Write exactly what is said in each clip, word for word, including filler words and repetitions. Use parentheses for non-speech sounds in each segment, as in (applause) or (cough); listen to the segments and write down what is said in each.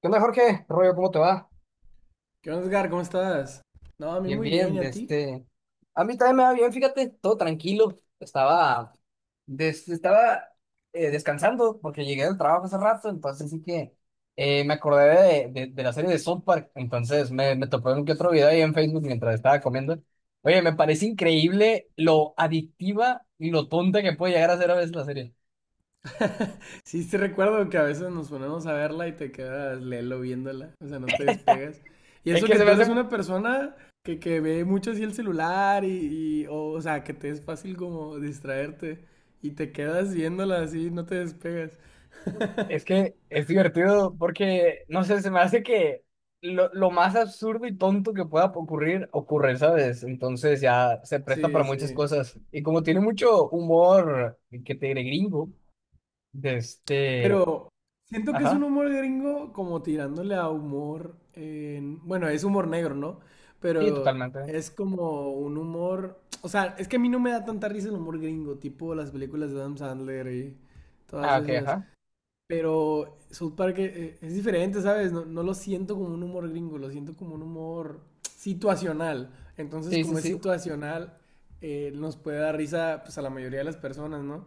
¿Qué onda, Jorge? Rollo, ¿cómo te va? ¿Qué onda, Edgar? ¿Cómo estás? No, a mí Bien, muy bien, bien, ¿y de a ti? este... A mí también me va bien, fíjate, todo tranquilo. Estaba, des- estaba eh, Descansando porque llegué del trabajo hace rato, entonces sí que eh, me acordé de, de- de la serie de South Park. Entonces me, me topé un que otro video ahí en Facebook mientras estaba comiendo. Oye, me parece increíble lo adictiva y lo tonta que puede llegar a ser a veces la serie. Sí, te recuerdo que a veces nos ponemos a verla y te quedas lelo viéndola, o sea, no te despegas. Y Es eso que que se me tú hace... eres una persona que, que ve mucho así el celular y, y- o, o sea, que te es fácil como distraerte y te quedas viéndola así, no te despegas. Es (laughs) que es divertido porque, no sé, se me hace que lo, lo más absurdo y tonto que pueda ocurrir, ocurre, ¿sabes? Entonces ya se presta Sí, para sí. muchas cosas. Y como tiene mucho humor, que te diré gringo, de este, Pero siento que es un ajá, humor gringo como tirándole a humor, en- bueno, es humor negro, ¿no? sí, Pero totalmente. es como un humor, o sea, es que a mí no me da tanta risa el humor gringo, tipo las películas de Adam Sandler y todas Ah, ok, esas. ajá. Pero South Park eh, es diferente, ¿sabes? No, no lo siento como un humor gringo, lo siento como un humor situacional. Entonces, Sí, sí, como es sí. situacional, eh, nos puede dar risa pues a la mayoría de las personas, ¿no?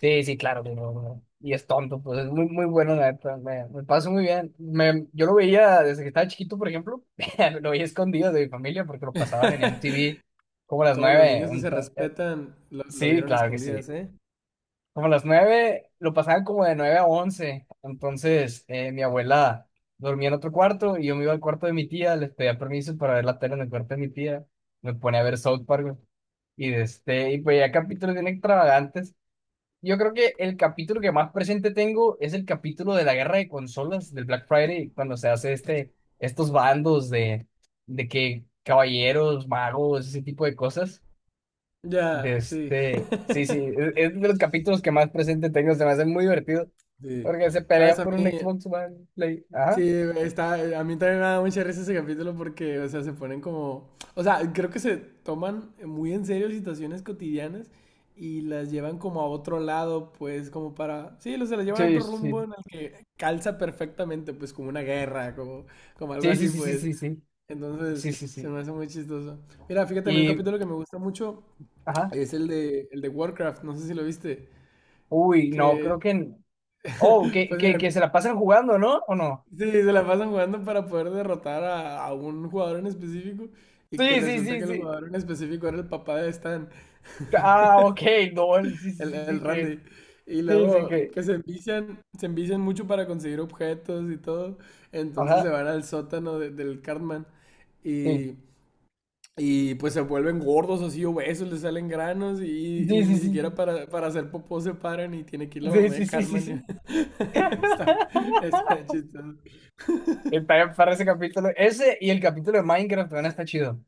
Sí, sí, claro que no, no. Y es tonto, pues es muy, muy bueno, la neta. Me, me paso muy bien. Me, yo lo veía desde que estaba chiquito, por ejemplo. (laughs) Lo veía escondido de mi familia porque lo pasaban en M T V como a las Todos los nueve. niños que se ento- eh, respetan lo, lo Sí, vieron a claro que escondidas, sí. ¿eh? Como a las nueve, lo pasaban como de nueve a once. Entonces, eh, mi abuela dormía en otro cuarto y yo me iba al cuarto de mi tía. Les pedía permiso para ver la tele en el cuarto de mi tía. Me ponía a ver South Park, güey. Y, de este, y pues ya capítulos bien extravagantes. Yo creo que el capítulo que más presente tengo es el capítulo de la guerra de consolas del Black Friday, cuando se hace este, estos bandos de, de que caballeros, magos, ese tipo de cosas. De Ya, sí, este, sí, sí, es, es de los capítulos que más presente tengo, se me hacen muy divertidos, sí. porque se Sabes, pelean a por un mí, Xbox One Play. sí, Ajá. está, eh, a mí también me da mucha risa ese capítulo porque, o sea, se ponen como, o sea, creo que se toman muy en serio situaciones cotidianas y las llevan como a otro lado, pues, como para, sí, o se las llevan a Sí, otro rumbo sí. en el que calza perfectamente, pues, como una guerra, como, como algo Sí, sí, así, sí, sí, pues. sí, sí. Entonces, Sí, sí, se sí. me hace muy chistoso. Mira, fíjate, a mí un Y, capítulo que me gusta mucho ajá. es el de, el de Warcraft, no sé si lo viste. Uy, no, Que, creo que... Oh, que, pues que, que mira, se la pasan jugando, ¿no? ¿O no? sí, se la pasan jugando para poder derrotar a, a un jugador en específico. Y que Sí, sí, resulta sí, que el sí. jugador en específico era el papá de Stan, Ah, ok, no, el- sí, sí, el, sí, el sí, que, Randy. Y sí, sí, luego que, que se envician, se envician mucho para conseguir objetos y todo. Entonces se ajá, van al sótano de- del Cartman. sí, Y y pues se vuelven gordos, así obesos, les salen granos y, sí, y ni siquiera sí, para, para hacer popó se paran y tiene que ir la sí, mamá de sí, sí, sí, sí, Carmen. y- sí. (laughs) Está, (laughs) está chistoso. El para, para ese capítulo, ese y el capítulo de Minecraft también está chido,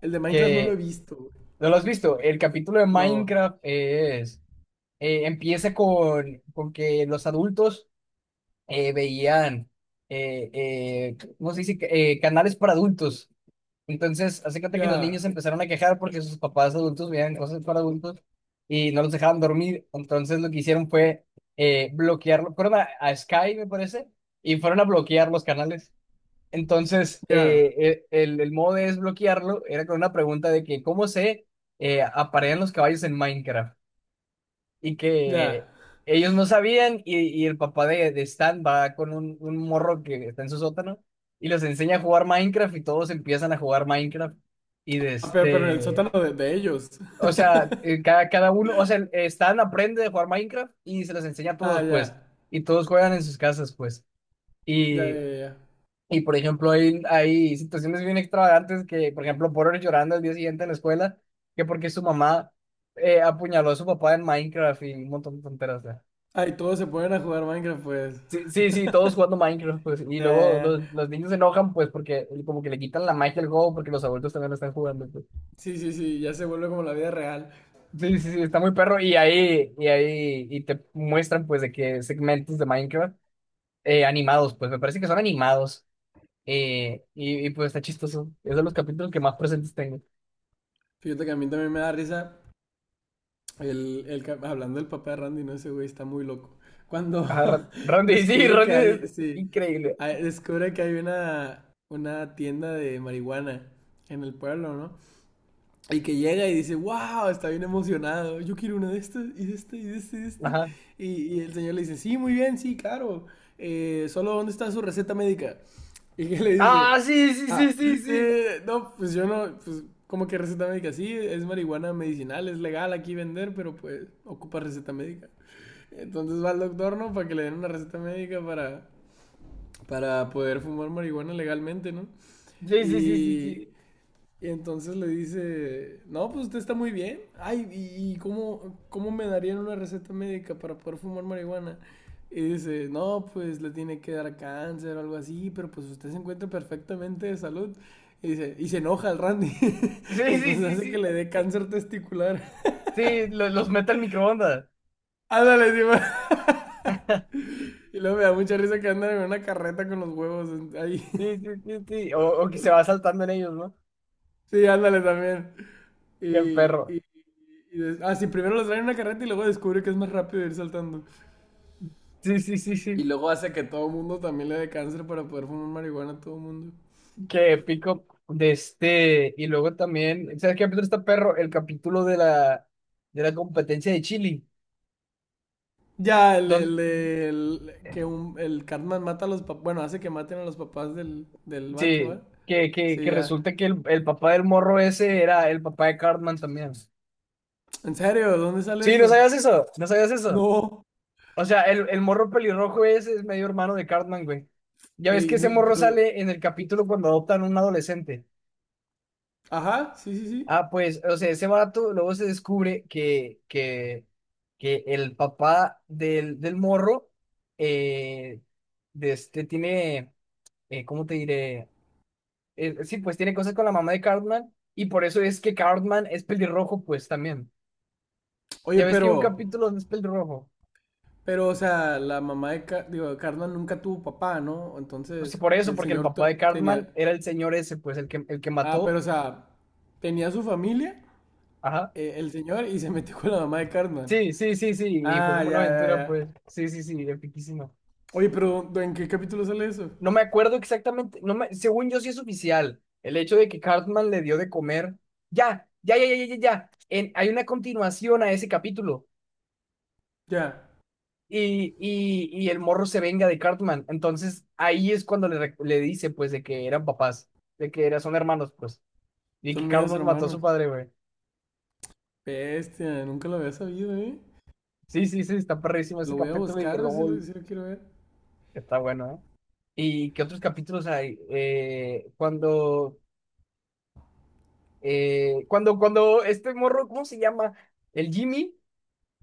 El de Minecraft no lo he que, visto, güey. ¿no lo has visto? El capítulo de No. Minecraft es, eh, empieza con, con que los adultos eh, veían, eh, eh, ¿cómo se dice? Eh, canales para adultos. Entonces, hace cuenta que los niños Ya, empezaron a quejar porque sus papás adultos veían cosas para adultos y no los dejaban dormir. Entonces, lo que hicieron fue eh, bloquearlo. Fueron a, a Sky, me parece, y fueron a bloquear los canales. Entonces, ya, eh, eh, el, el modo de desbloquearlo era con una pregunta de que cómo se eh, aparean los caballos en Minecraft y ya. que ellos no sabían, y, y el papá de, de Stan va con un, un morro que está en su sótano y los enseña a jugar Minecraft y todos empiezan a jugar Minecraft. y de Ah, pero, pero en el sótano este, de, de ellos. o sea, (laughs) eh, cada, cada uno, o sea, el- eh, Stan aprende a jugar Minecraft y se los enseña a Ah, todos pues, ya. y todos juegan en sus casas pues Ya, ya, y... ya, ya. Y por ejemplo, hay, hay situaciones bien extravagantes que, por ejemplo, Porter llorando el día siguiente en la escuela, que porque su mamá eh, apuñaló a su papá en Minecraft y un montón de tonteras, ¿no? Ah, y todos se ponen a jugar Minecraft, pues. Sí, sí, sí, todos (laughs) jugando Minecraft, pues, y Ya, luego ya, ya. los, los niños se enojan, pues, porque como que le quitan la magia al juego, porque los adultos también lo están jugando, pues. Sí, sí, sí, ya se vuelve como la vida real. Sí, sí, sí, está muy perro, y ahí, y ahí, y te muestran, pues, de que segmentos de Minecraft eh, animados, pues, me parece que son animados, eh, y, y, pues, está chistoso, es de los capítulos que más presentes tengo. Fíjate que a mí también me da risa El, el cap- hablando del papá de Randy, no, ese güey está muy loco. Cuando Ajá, Ra- (laughs) Randy, (laughs) sí, descubre que Randy es hay, sí, increíble, hay- descubre que hay una, una tienda de marihuana en el pueblo, ¿no? Y que llega y dice, wow, está bien emocionado, yo quiero una de estas, y de este, y de este, y de este. ajá. Y, y el señor le dice, sí, muy bien, sí, claro. Eh, solo, ¿dónde está su receta médica? (laughs) Y que le dice, Ah, sí, sí, ah, sí, sí, sí, sí, no, pues yo no, pues, ¿cómo que receta médica? Sí, es marihuana medicinal, es legal aquí vender, pero pues ocupa receta médica. Entonces va al doctor, ¿no? Para que le den una receta médica para, para poder fumar marihuana legalmente, ¿no? sí, sí, sí, sí, Y... sí, y entonces le dice, no, pues usted está muy bien. Ay, ¿y, y cómo, cómo me darían una receta médica para poder fumar marihuana? Y dice, no, pues le tiene que dar cáncer o algo así, pero pues usted se encuentra perfectamente de salud. Y, dice, y se enoja el Randy. (laughs) sí, sí, Entonces sí, hace que le dé sí, cáncer testicular. (laughs) sí, lo- los mete al microondas. Ándale, sí, ma. Y luego me da mucha risa que andan en una carreta con los huevos ahí. Sí, (laughs) sí, sí, sí. O, o que se va saltando en ellos, ¿no? Sí, ándale también. Y, Qué perro. y, y des- ah, sí, primero los traen en una carreta y luego descubre que es más rápido ir saltando. Sí, sí, sí, Y sí. luego hace que todo el mundo también le dé cáncer para poder fumar marihuana a todo el mundo. Qué épico. De este. Y luego también. ¿Sabes qué capítulo está perro? El capítulo de la, de la competencia de Chile. Ya, el, Don, el, el- que un, el Cartman mata a los papás, bueno, hace que maten a los papás del, del vato, sí. ¿va? Que, que, Sí, que ya. resulta que el, el papá del morro ese era el papá de Cartman también. ¿En serio? ¿Dónde sale Sí, no eso? sabías eso. No sabías eso. No. O sea, el, el morro pelirrojo ese es medio hermano de Cartman, güey. Ya ves que Ey, ese morro pero, sale en el capítulo cuando adoptan a un adolescente. ajá, sí, sí, sí. Ah, pues, o sea, ese vato luego se descubre que, que, que el papá del, del morro, eh, de este tiene, eh, ¿cómo te diré? Eh, sí, pues tiene cosas con la mamá de Cartman y por eso es que Cartman es pelirrojo, pues también. Oye, Ya ves que hay un pero, capítulo donde es pelirrojo. pero, o sea, la mamá de, Car digo, Cartman nunca tuvo papá, ¿no? Pues Entonces, por eso, el porque el señor papá t- de Cartman tenía, era el señor ese, pues el que, el que ah, mató. pero, o sea, tenía su familia, Ajá. eh, el señor, y se metió con la mamá de Cartman. Sí, sí, sí, sí, y fue Ah, como una ya, ya, aventura, pues. ya. Sí, sí, sí, epiquísima. Oye, pero ¿en qué capítulo sale eso? No me acuerdo exactamente, no me, según yo sí es oficial, el hecho de que Cartman le dio de comer. Ya, ya, ya, ya, ya, ya, ya. En- hay una continuación a ese capítulo Ya, y, y, y el morro se venga de Cartman. Entonces ahí es cuando le, rec- le dice pues de que eran papás, de que eran, son hermanos pues, y son que medios Cartman mató a hermanos. su padre, güey. Bestia, nunca lo había sabido, ¿eh? Sí, sí, sí, está perrísimo ese Lo voy a capítulo y que buscar si luego lo, si lo quiero ver. está bueno, ¿eh? ¿Y qué otros capítulos hay? Eh, cuando Eh, cuando, cuando este morro, ¿cómo se llama? El Jimmy,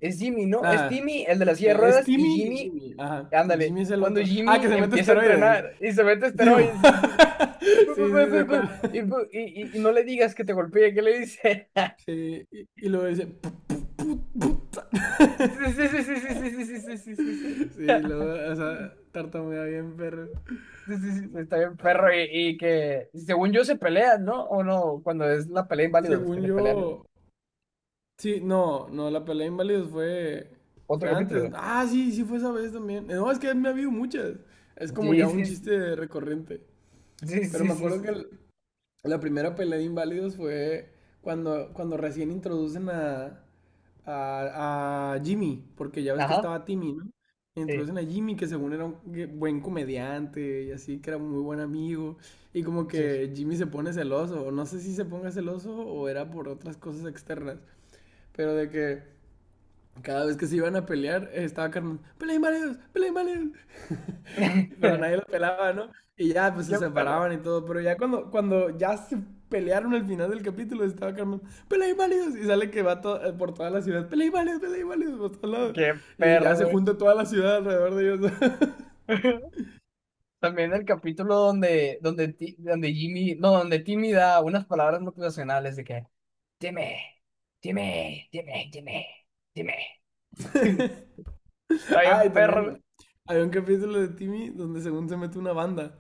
es Jimmy, ¿no? Es Ah, Timmy, el de la silla de eh, es ruedas, y Timmy y Jimmy, Jimmy. Ajá, ándale, Jimmy es el cuando otro. Ah, que Jimmy se mete empieza a esteroides. entrenar y se mete Sí, bo- esteroides y, dice, "Bu, (laughs) sí, bu, bu, sí, bu, sé bu", y, cuál. bu- y- y- y no le digas que te golpee, ¿qué le dice? (laughs) Sí, y, y luego dice. "Pu- pu- pu- puta". Sí, sí, sí, sí, sí, sí, sí, sí, sí, sí, sí. Sí, (laughs) luego, o sea, tartamudea bien, perro. Sí, sí, sí, está bien, perro, y, y que según yo se pelean, ¿no? O no, cuando es la pelea inválidos que Según se pelean, ¿no? yo, sí, no, no, la pelea de inválidos fue, Otro fue antes. capítulo. Ah, sí, sí fue esa vez también. No, es que me ha habido muchas. Es como Sí, ya un sí, sí, chiste recurrente. sí, Pero sí, me sí, acuerdo sí, que la sí. la primera pelea de inválidos fue cuando, cuando recién introducen a, a, a Jimmy, porque ya ves que Ajá. estaba Timmy, ¿no? Sí, Introducen a Jimmy, que según era un que- buen comediante y así, que era muy buen amigo. Y como sí. que Jimmy se pone celoso, o no sé si se ponga celoso o era por otras cosas externas, pero de que cada vez que se iban a pelear, eh, estaba Carmen, peleen varios, peleen varios. Pero (laughs) nadie los pelaba, ¿no? Y ya, pues se Qué perro, separaban y todo. Pero ya cuando, cuando ya se pelearon al final del capítulo, estaba Carmen, peleen varios. Y sale que va to- eh, por toda la ciudad, peleen varios, peleen varios, por todos lados. qué Y ya perro, se güey. junta toda la ciudad alrededor de ellos. (laughs) (laughs) También el capítulo donde, donde, Ti- donde Jimmy, no, donde Timmy da unas palabras motivacionales de que, dime, dime, dime, dime, dime. (laughs) Está bien, Ah, y perro, güey. también hay un capítulo de Timmy donde según se mete una banda.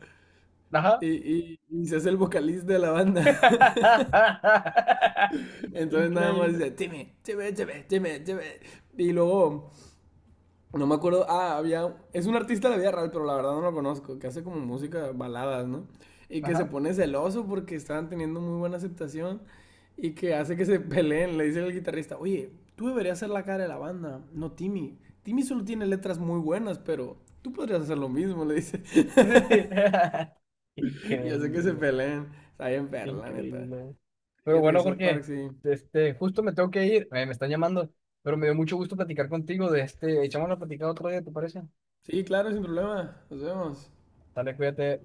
Ajá. Y, y- y se hace el vocalista de la banda. (laughs) (laughs) Entonces nada más dice, Increíble. Timmy, Timmy, Timmy, Timmy, Timmy. Y luego no me acuerdo. Ah, había. Es un artista de la vida real, pero la verdad no lo conozco. Que hace como música baladas, ¿no? Y que se Ajá. pone celoso porque estaban teniendo muy buena aceptación. Y que hace que se (laughs) peleen. Le dice el guitarrista: oye, tú deberías ser la cara de la banda, no Timmy. Timmy solo tiene letras muy buenas, pero tú podrías hacer lo mismo, le dice. (laughs) (laughs) Sí. Y hace que se Increíble. peleen. Está bien perla, neta. Increíble. Pero Fíjate que bueno, South Park, Jorge, sí. este, justo me tengo que ir, eh, me están llamando, pero me dio mucho gusto platicar contigo. De este, echamos la platicada otro día, ¿te parece? Sí, claro, sin problema. Nos vemos. Dale, cuídate.